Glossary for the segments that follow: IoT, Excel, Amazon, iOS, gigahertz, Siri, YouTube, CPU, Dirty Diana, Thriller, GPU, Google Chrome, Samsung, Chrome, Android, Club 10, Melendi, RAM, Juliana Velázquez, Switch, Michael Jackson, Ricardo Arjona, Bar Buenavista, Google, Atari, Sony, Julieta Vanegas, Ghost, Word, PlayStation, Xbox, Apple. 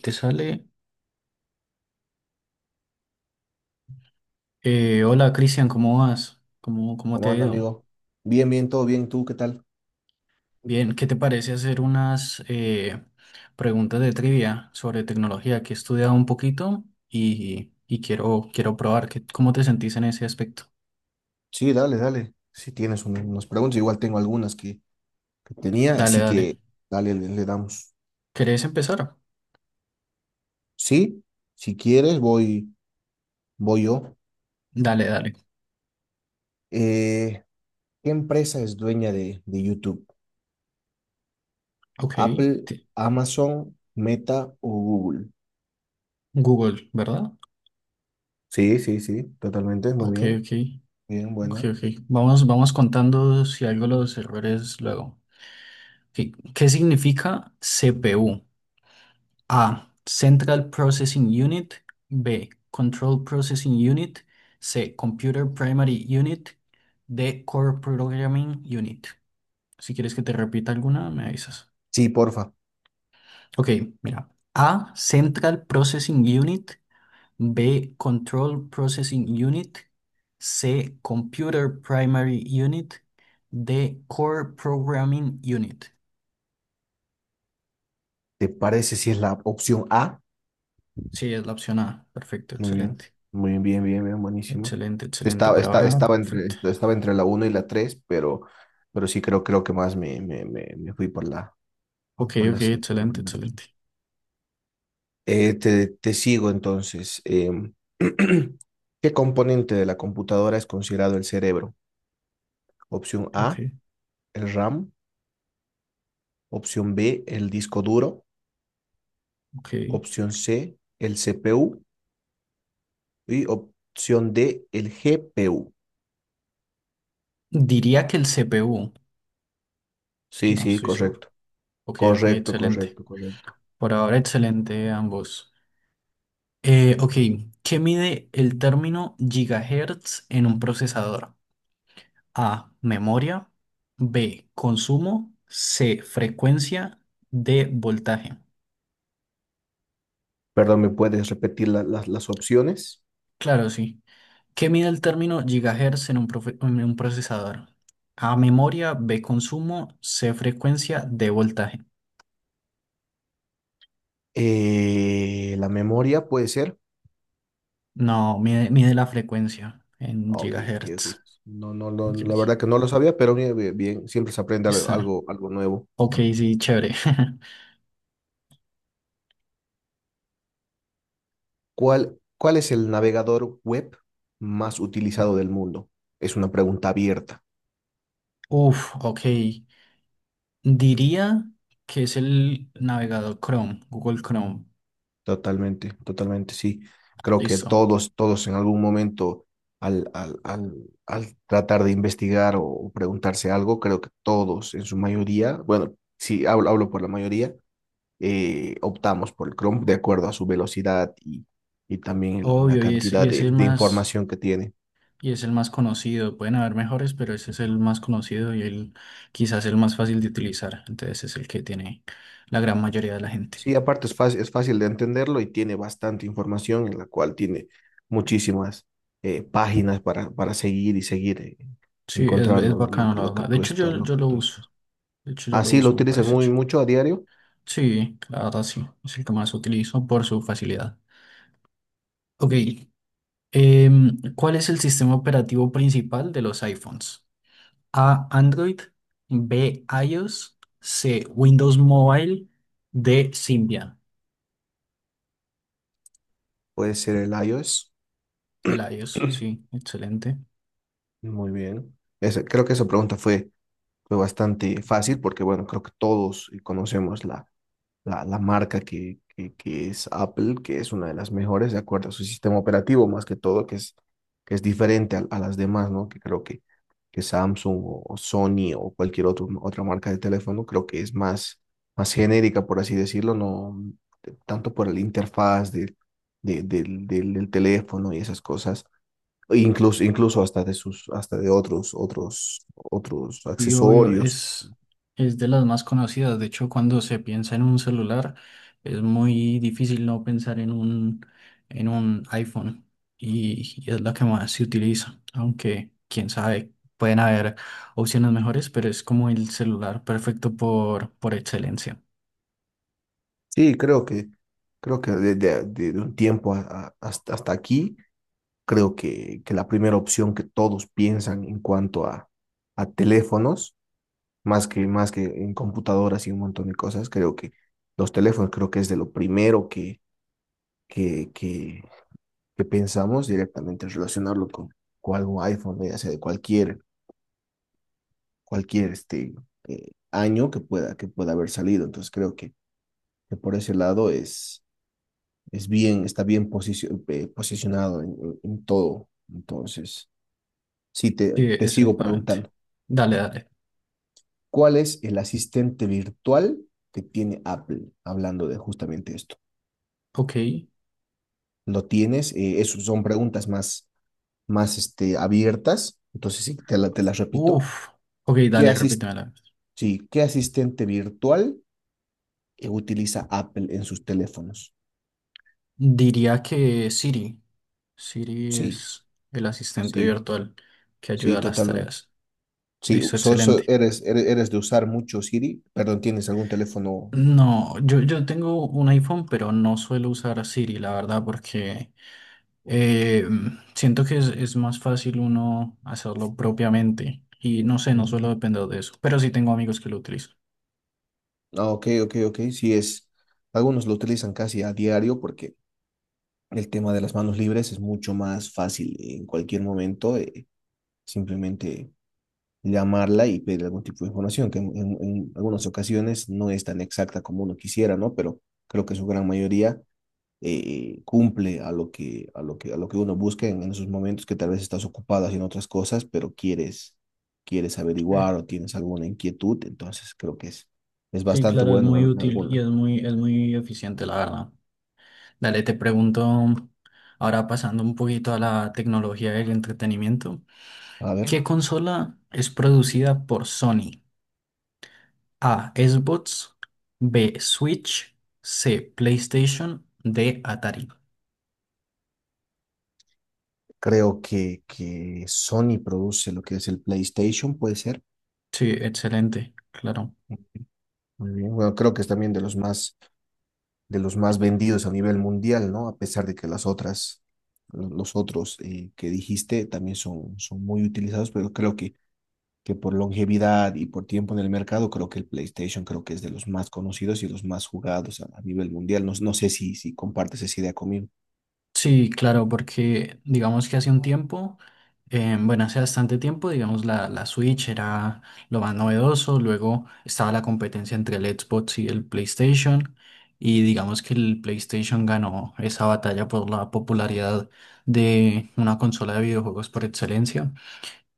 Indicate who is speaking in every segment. Speaker 1: Te sale. Hola Cristian, ¿cómo vas? ¿Cómo te
Speaker 2: ¿Cómo
Speaker 1: ha
Speaker 2: anda,
Speaker 1: ido?
Speaker 2: amigo? Bien, bien, todo bien. ¿Tú qué tal?
Speaker 1: Bien, ¿qué te parece hacer unas preguntas de trivia sobre tecnología que he estudiado un poquito y quiero probar qué cómo te sentís en ese aspecto?
Speaker 2: Sí, dale, dale. Si tienes unas preguntas, igual tengo algunas que tenía,
Speaker 1: Dale,
Speaker 2: así
Speaker 1: dale.
Speaker 2: que dale, le damos.
Speaker 1: ¿Querés empezar?
Speaker 2: Sí, si quieres, voy yo.
Speaker 1: Dale, dale.
Speaker 2: Eh, ¿Qué empresa es dueña de YouTube?
Speaker 1: Ok.
Speaker 2: ¿Apple,
Speaker 1: te-
Speaker 2: Amazon, Meta o Google?
Speaker 1: Google, ¿verdad?
Speaker 2: Sí, sí, sí, totalmente. Muy
Speaker 1: Ok,
Speaker 2: bien.
Speaker 1: ok.
Speaker 2: Bien,
Speaker 1: Ok,
Speaker 2: buena.
Speaker 1: ok. Vamos, vamos contando si algo los errores luego. Ok, ¿qué significa CPU? A. Central Processing Unit. B. Control Processing Unit. C. Computer Primary Unit. D. Core Programming Unit. Si quieres que te repita alguna, me avisas.
Speaker 2: Sí, porfa.
Speaker 1: Ok, mira. A. Central Processing Unit. B. Control Processing Unit. C. Computer Primary Unit. D. Core Programming Unit.
Speaker 2: ¿Te parece si es la opción A?
Speaker 1: Sí, es la opción A. Perfecto,
Speaker 2: Muy bien,
Speaker 1: excelente.
Speaker 2: muy bien, bien, bien, bien, buenísimo.
Speaker 1: Excelente, excelente por ahora.
Speaker 2: Estaba entre,
Speaker 1: Perfecto.
Speaker 2: estaba entre la uno y la tres, pero sí creo, creo que más me, me, me, me fui por
Speaker 1: Ok,
Speaker 2: por
Speaker 1: ok,
Speaker 2: la, C, por la
Speaker 1: excelente,
Speaker 2: primera opción.
Speaker 1: excelente.
Speaker 2: Te sigo entonces. ¿Qué componente de la computadora es considerado el cerebro? Opción
Speaker 1: Ok,
Speaker 2: A, el RAM. Opción B, el disco duro.
Speaker 1: ok.
Speaker 2: Opción C, el CPU. Y opción D, el GPU.
Speaker 1: Diría que el CPU,
Speaker 2: Sí,
Speaker 1: no
Speaker 2: sí,
Speaker 1: estoy seguro.
Speaker 2: correcto.
Speaker 1: Ok, ok,
Speaker 2: Correcto,
Speaker 1: excelente.
Speaker 2: correcto, correcto.
Speaker 1: Por ahora, excelente ambos. Ok, ¿qué mide el término gigahertz en un procesador? A, memoria, B, consumo, C, frecuencia, D, voltaje.
Speaker 2: Perdón, ¿me puedes repetir las opciones?
Speaker 1: Claro, sí. ¿Qué mide el término gigahertz en un, en un procesador? A, memoria, B, consumo, C, frecuencia, D, voltaje.
Speaker 2: La memoria puede ser.
Speaker 1: No, mide la frecuencia en
Speaker 2: Ah, ok, ok, ok.
Speaker 1: gigahertz.
Speaker 2: No, no, no,
Speaker 1: Ok,
Speaker 2: la
Speaker 1: ok,
Speaker 2: verdad que no lo sabía, pero bien, bien, bien, siempre se aprende
Speaker 1: está bien.
Speaker 2: algo, algo nuevo.
Speaker 1: Ok, sí, chévere.
Speaker 2: ¿Cuál, cuál es el navegador web más utilizado del mundo? Es una pregunta abierta.
Speaker 1: Uf, ok. Diría que es el navegador Chrome, Google Chrome.
Speaker 2: Totalmente, totalmente, sí. Creo que
Speaker 1: Listo.
Speaker 2: todos, todos en algún momento, al, al, al, al tratar de investigar o preguntarse algo, creo que todos en su mayoría, bueno, sí, hablo, hablo por la mayoría, optamos por el Chrome de acuerdo a su velocidad y también la
Speaker 1: Obvio, y es, y
Speaker 2: cantidad
Speaker 1: es el
Speaker 2: de
Speaker 1: más,
Speaker 2: información que tiene.
Speaker 1: y es el más conocido. Pueden haber mejores, pero ese es el más conocido y el quizás el más fácil de utilizar. Entonces es el que tiene la gran mayoría de la gente.
Speaker 2: Sí, aparte es fácil de entenderlo y tiene bastante información en la cual tiene muchísimas páginas para seguir y seguir
Speaker 1: Sí, es
Speaker 2: encontrando
Speaker 1: bacano, la
Speaker 2: lo que
Speaker 1: verdad. De
Speaker 2: tú
Speaker 1: hecho,
Speaker 2: estás,
Speaker 1: yo,
Speaker 2: lo
Speaker 1: yo
Speaker 2: que
Speaker 1: lo
Speaker 2: tú
Speaker 1: uso.
Speaker 2: estás.
Speaker 1: De hecho, yo lo
Speaker 2: Así lo
Speaker 1: uso, me
Speaker 2: utilizas
Speaker 1: parece.
Speaker 2: muy mucho a diario.
Speaker 1: Sí, la verdad sí, es el que más utilizo por su facilidad. Ok, ¿cuál es el sistema operativo principal de los iPhones? A, Android, B, iOS, C, Windows Mobile, D, Symbian.
Speaker 2: Puede ser el iOS.
Speaker 1: El iOS, sí, excelente.
Speaker 2: Muy bien. Creo que esa pregunta fue, fue bastante fácil porque, bueno, creo que todos conocemos la marca que, que es Apple, que es una de las mejores de acuerdo a su sistema operativo, más que todo, que es diferente a las demás, ¿no? Que creo que Samsung o Sony o cualquier otro, otra marca de teléfono, creo que es más, más genérica, por así decirlo, no tanto por la interfaz del teléfono y esas cosas. Incluso, incluso hasta de sus, hasta de otros, otros
Speaker 1: Y obvio,
Speaker 2: accesorios.
Speaker 1: es de las más conocidas. De hecho, cuando se piensa en un celular, es muy difícil no pensar en un iPhone. Y es la que más se utiliza. Aunque, quién sabe, pueden haber opciones mejores, pero es como el celular perfecto por excelencia.
Speaker 2: Sí, creo que de un tiempo hasta, hasta aquí, creo que la primera opción que todos piensan en cuanto a teléfonos, más que en computadoras y un montón de cosas, creo que los teléfonos creo que es de lo primero que, que, que pensamos directamente relacionarlo con algún iPhone, ¿no? Ya sea de cualquier, cualquier este, año que pueda haber salido. Entonces creo que por ese lado es bien, está bien posicionado en, en todo. Entonces, sí,
Speaker 1: Sí,
Speaker 2: te sigo
Speaker 1: exactamente.
Speaker 2: preguntando,
Speaker 1: Dale, dale.
Speaker 2: ¿cuál es el asistente virtual que tiene Apple? Hablando de justamente esto.
Speaker 1: Ok.
Speaker 2: ¿Lo tienes? Eso son preguntas más, más este, abiertas. Entonces, sí, te las repito.
Speaker 1: Uf. Ok,
Speaker 2: ¿Qué
Speaker 1: dale,
Speaker 2: asis-
Speaker 1: repítemela.
Speaker 2: sí, ¿qué asistente virtual utiliza Apple en sus teléfonos?
Speaker 1: Diría que Siri. Siri
Speaker 2: Sí,
Speaker 1: es el asistente
Speaker 2: sí,
Speaker 1: virtual que
Speaker 2: sí,
Speaker 1: ayuda a las
Speaker 2: totalmente.
Speaker 1: tareas.
Speaker 2: Sí,
Speaker 1: Listo, excelente.
Speaker 2: eres, eres, eres de usar mucho Siri. Perdón, ¿tienes algún teléfono?
Speaker 1: No, yo tengo un iPhone, pero no suelo usar Siri, la verdad, porque eh, siento que es más fácil uno hacerlo propiamente. Y no sé, no suelo
Speaker 2: Ya.
Speaker 1: depender de eso, pero sí tengo amigos que lo utilizan.
Speaker 2: Ah, ok, ok, ok. Sí es. Algunos lo utilizan casi a diario porque el tema de las manos libres es mucho más fácil en cualquier momento. Eh, simplemente llamarla y pedir algún tipo de información, que en, en algunas ocasiones no es tan exacta como uno quisiera, ¿no? Pero creo que su gran mayoría cumple a lo que, a lo que, a lo que uno busca en esos momentos que tal vez estás ocupado haciendo otras cosas, pero quieres, quieres
Speaker 1: Sí,
Speaker 2: averiguar o tienes alguna inquietud, entonces creo que es
Speaker 1: sí,
Speaker 2: bastante
Speaker 1: claro, es
Speaker 2: bueno
Speaker 1: muy
Speaker 2: en
Speaker 1: útil y
Speaker 2: alguna.
Speaker 1: es muy eficiente, la verdad. Dale, te pregunto, ahora pasando un poquito a la tecnología del entretenimiento.
Speaker 2: A ver,
Speaker 1: ¿Qué consola es producida por Sony? A. Xbox. B. Switch. C. PlayStation. D. Atari.
Speaker 2: creo que Sony produce lo que es el PlayStation, puede ser.
Speaker 1: Sí, excelente, claro.
Speaker 2: Muy bien. Bueno, creo que es también de los más vendidos a nivel mundial, ¿no? A pesar de que las otras, los otros que dijiste también son, son muy utilizados, pero creo que por longevidad y por tiempo en el mercado, creo que el PlayStation creo que es de los más conocidos y los más jugados a nivel mundial. No, no sé si, si compartes esa idea conmigo.
Speaker 1: Sí, claro, porque digamos que hace un tiempo, bueno, hace bastante tiempo, digamos, la Switch era lo más novedoso, luego estaba la competencia entre el Xbox y el PlayStation, y digamos que el PlayStation ganó esa batalla por la popularidad de una consola de videojuegos por excelencia.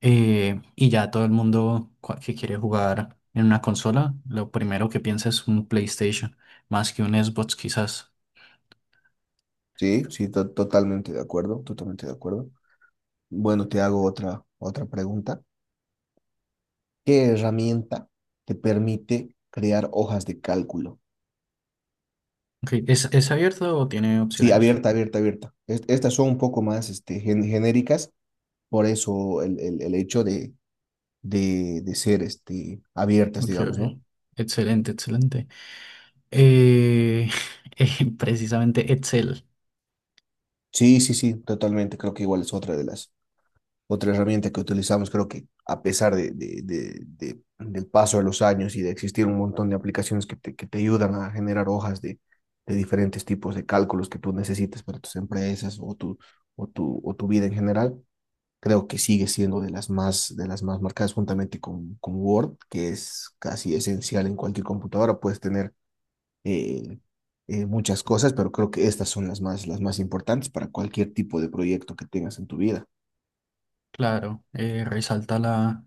Speaker 1: Y ya todo el mundo que quiere jugar en una consola, lo primero que piensa es un PlayStation, más que un Xbox quizás.
Speaker 2: Sí, sí, totalmente de acuerdo, totalmente de acuerdo. Bueno, te hago otra, otra pregunta. ¿Qué herramienta te permite crear hojas de cálculo?
Speaker 1: Ok, ¿es, es abierto o tiene
Speaker 2: Sí,
Speaker 1: opciones?
Speaker 2: abierta, abierta, abierta. Estas son un poco más este, genéricas, por eso el, el hecho de, de ser este, abiertas,
Speaker 1: Ok,
Speaker 2: digamos,
Speaker 1: ok.
Speaker 2: ¿no?
Speaker 1: Excelente, excelente. Eh, precisamente Excel.
Speaker 2: Sí, sí, sí, totalmente. Creo que igual es otra de las. Otra herramienta que utilizamos, creo que a pesar de, del paso de los años y de existir un montón de aplicaciones que te ayudan a generar hojas de diferentes tipos de cálculos que tú necesites para tus empresas o tu, o tu, o tu vida en general, creo que sigue siendo de las más marcadas juntamente con Word, que es casi esencial en cualquier computadora. Puedes tener eh, muchas cosas, pero creo que estas son las más importantes para cualquier tipo de proyecto que tengas en tu vida.
Speaker 1: Claro, resalta la,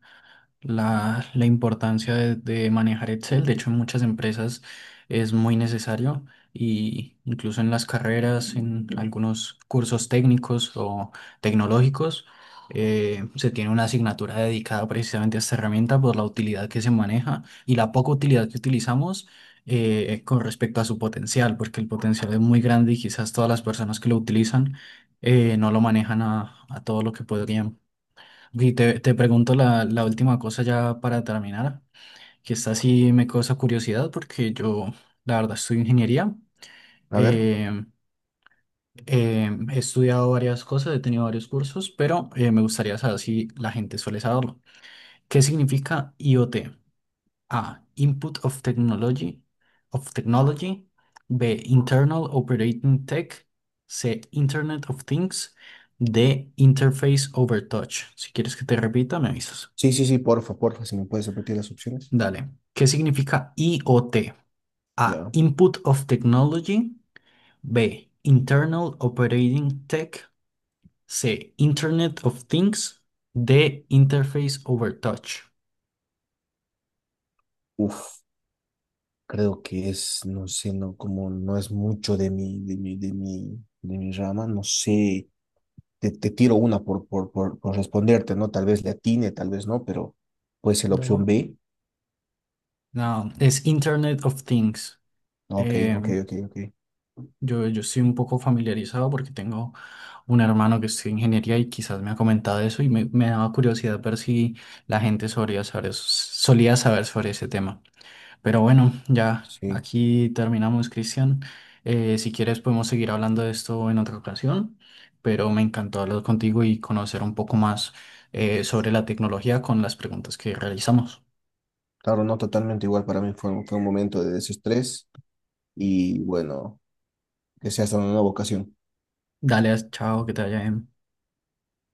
Speaker 1: la, la importancia de manejar Excel. De hecho, en muchas empresas es muy necesario y incluso en las carreras, en algunos cursos técnicos o tecnológicos, se tiene una asignatura dedicada precisamente a esta herramienta por la utilidad que se maneja y la poca utilidad que utilizamos con respecto a su potencial, porque el potencial es muy grande y quizás todas las personas que lo utilizan no lo manejan a todo lo que podrían. Y te pregunto la última cosa ya para terminar, que esta sí me causa curiosidad porque yo, la verdad, estudio ingeniería.
Speaker 2: A ver.
Speaker 1: eh, He estudiado varias cosas, he tenido varios cursos, pero me gustaría saber si la gente suele saberlo. ¿Qué significa IoT? A. Input of Technology. Of Technology. B. Internal Operating Tech. C. Internet of Things. D. Interface Over Touch. Si quieres que te repita, me avisas.
Speaker 2: Sí, sí, sí, porfa, porfa, si me puedes repetir las opciones.
Speaker 1: Dale. ¿Qué significa IOT? A.
Speaker 2: Ya.
Speaker 1: Input of Technology. B. Internal Operating Tech. C. Internet of Things. D. Interface over Touch.
Speaker 2: Uf, creo que es, no sé, no, como no es mucho de mi rama, no sé. Te tiro una por responderte, ¿no? Tal vez le atine, tal vez no, pero puede ser la opción
Speaker 1: Dale.
Speaker 2: B.
Speaker 1: No, es Internet of Things.
Speaker 2: Ok,
Speaker 1: Eh,
Speaker 2: ok, ok, ok.
Speaker 1: yo, yo estoy un poco familiarizado porque tengo un hermano que estudia ingeniería y quizás me ha comentado eso y me daba curiosidad ver si la gente solía saber sobre ese tema. Pero bueno, ya
Speaker 2: Sí.
Speaker 1: aquí terminamos, Cristian. Si quieres podemos seguir hablando de esto en otra ocasión, pero me encantó hablar contigo y conocer un poco más sobre la tecnología con las preguntas que realizamos.
Speaker 2: Claro, no totalmente igual para mí. Fue, fue un momento de desestrés y bueno, que sea hasta una nueva ocasión.
Speaker 1: Dale, chao, que te vaya bien.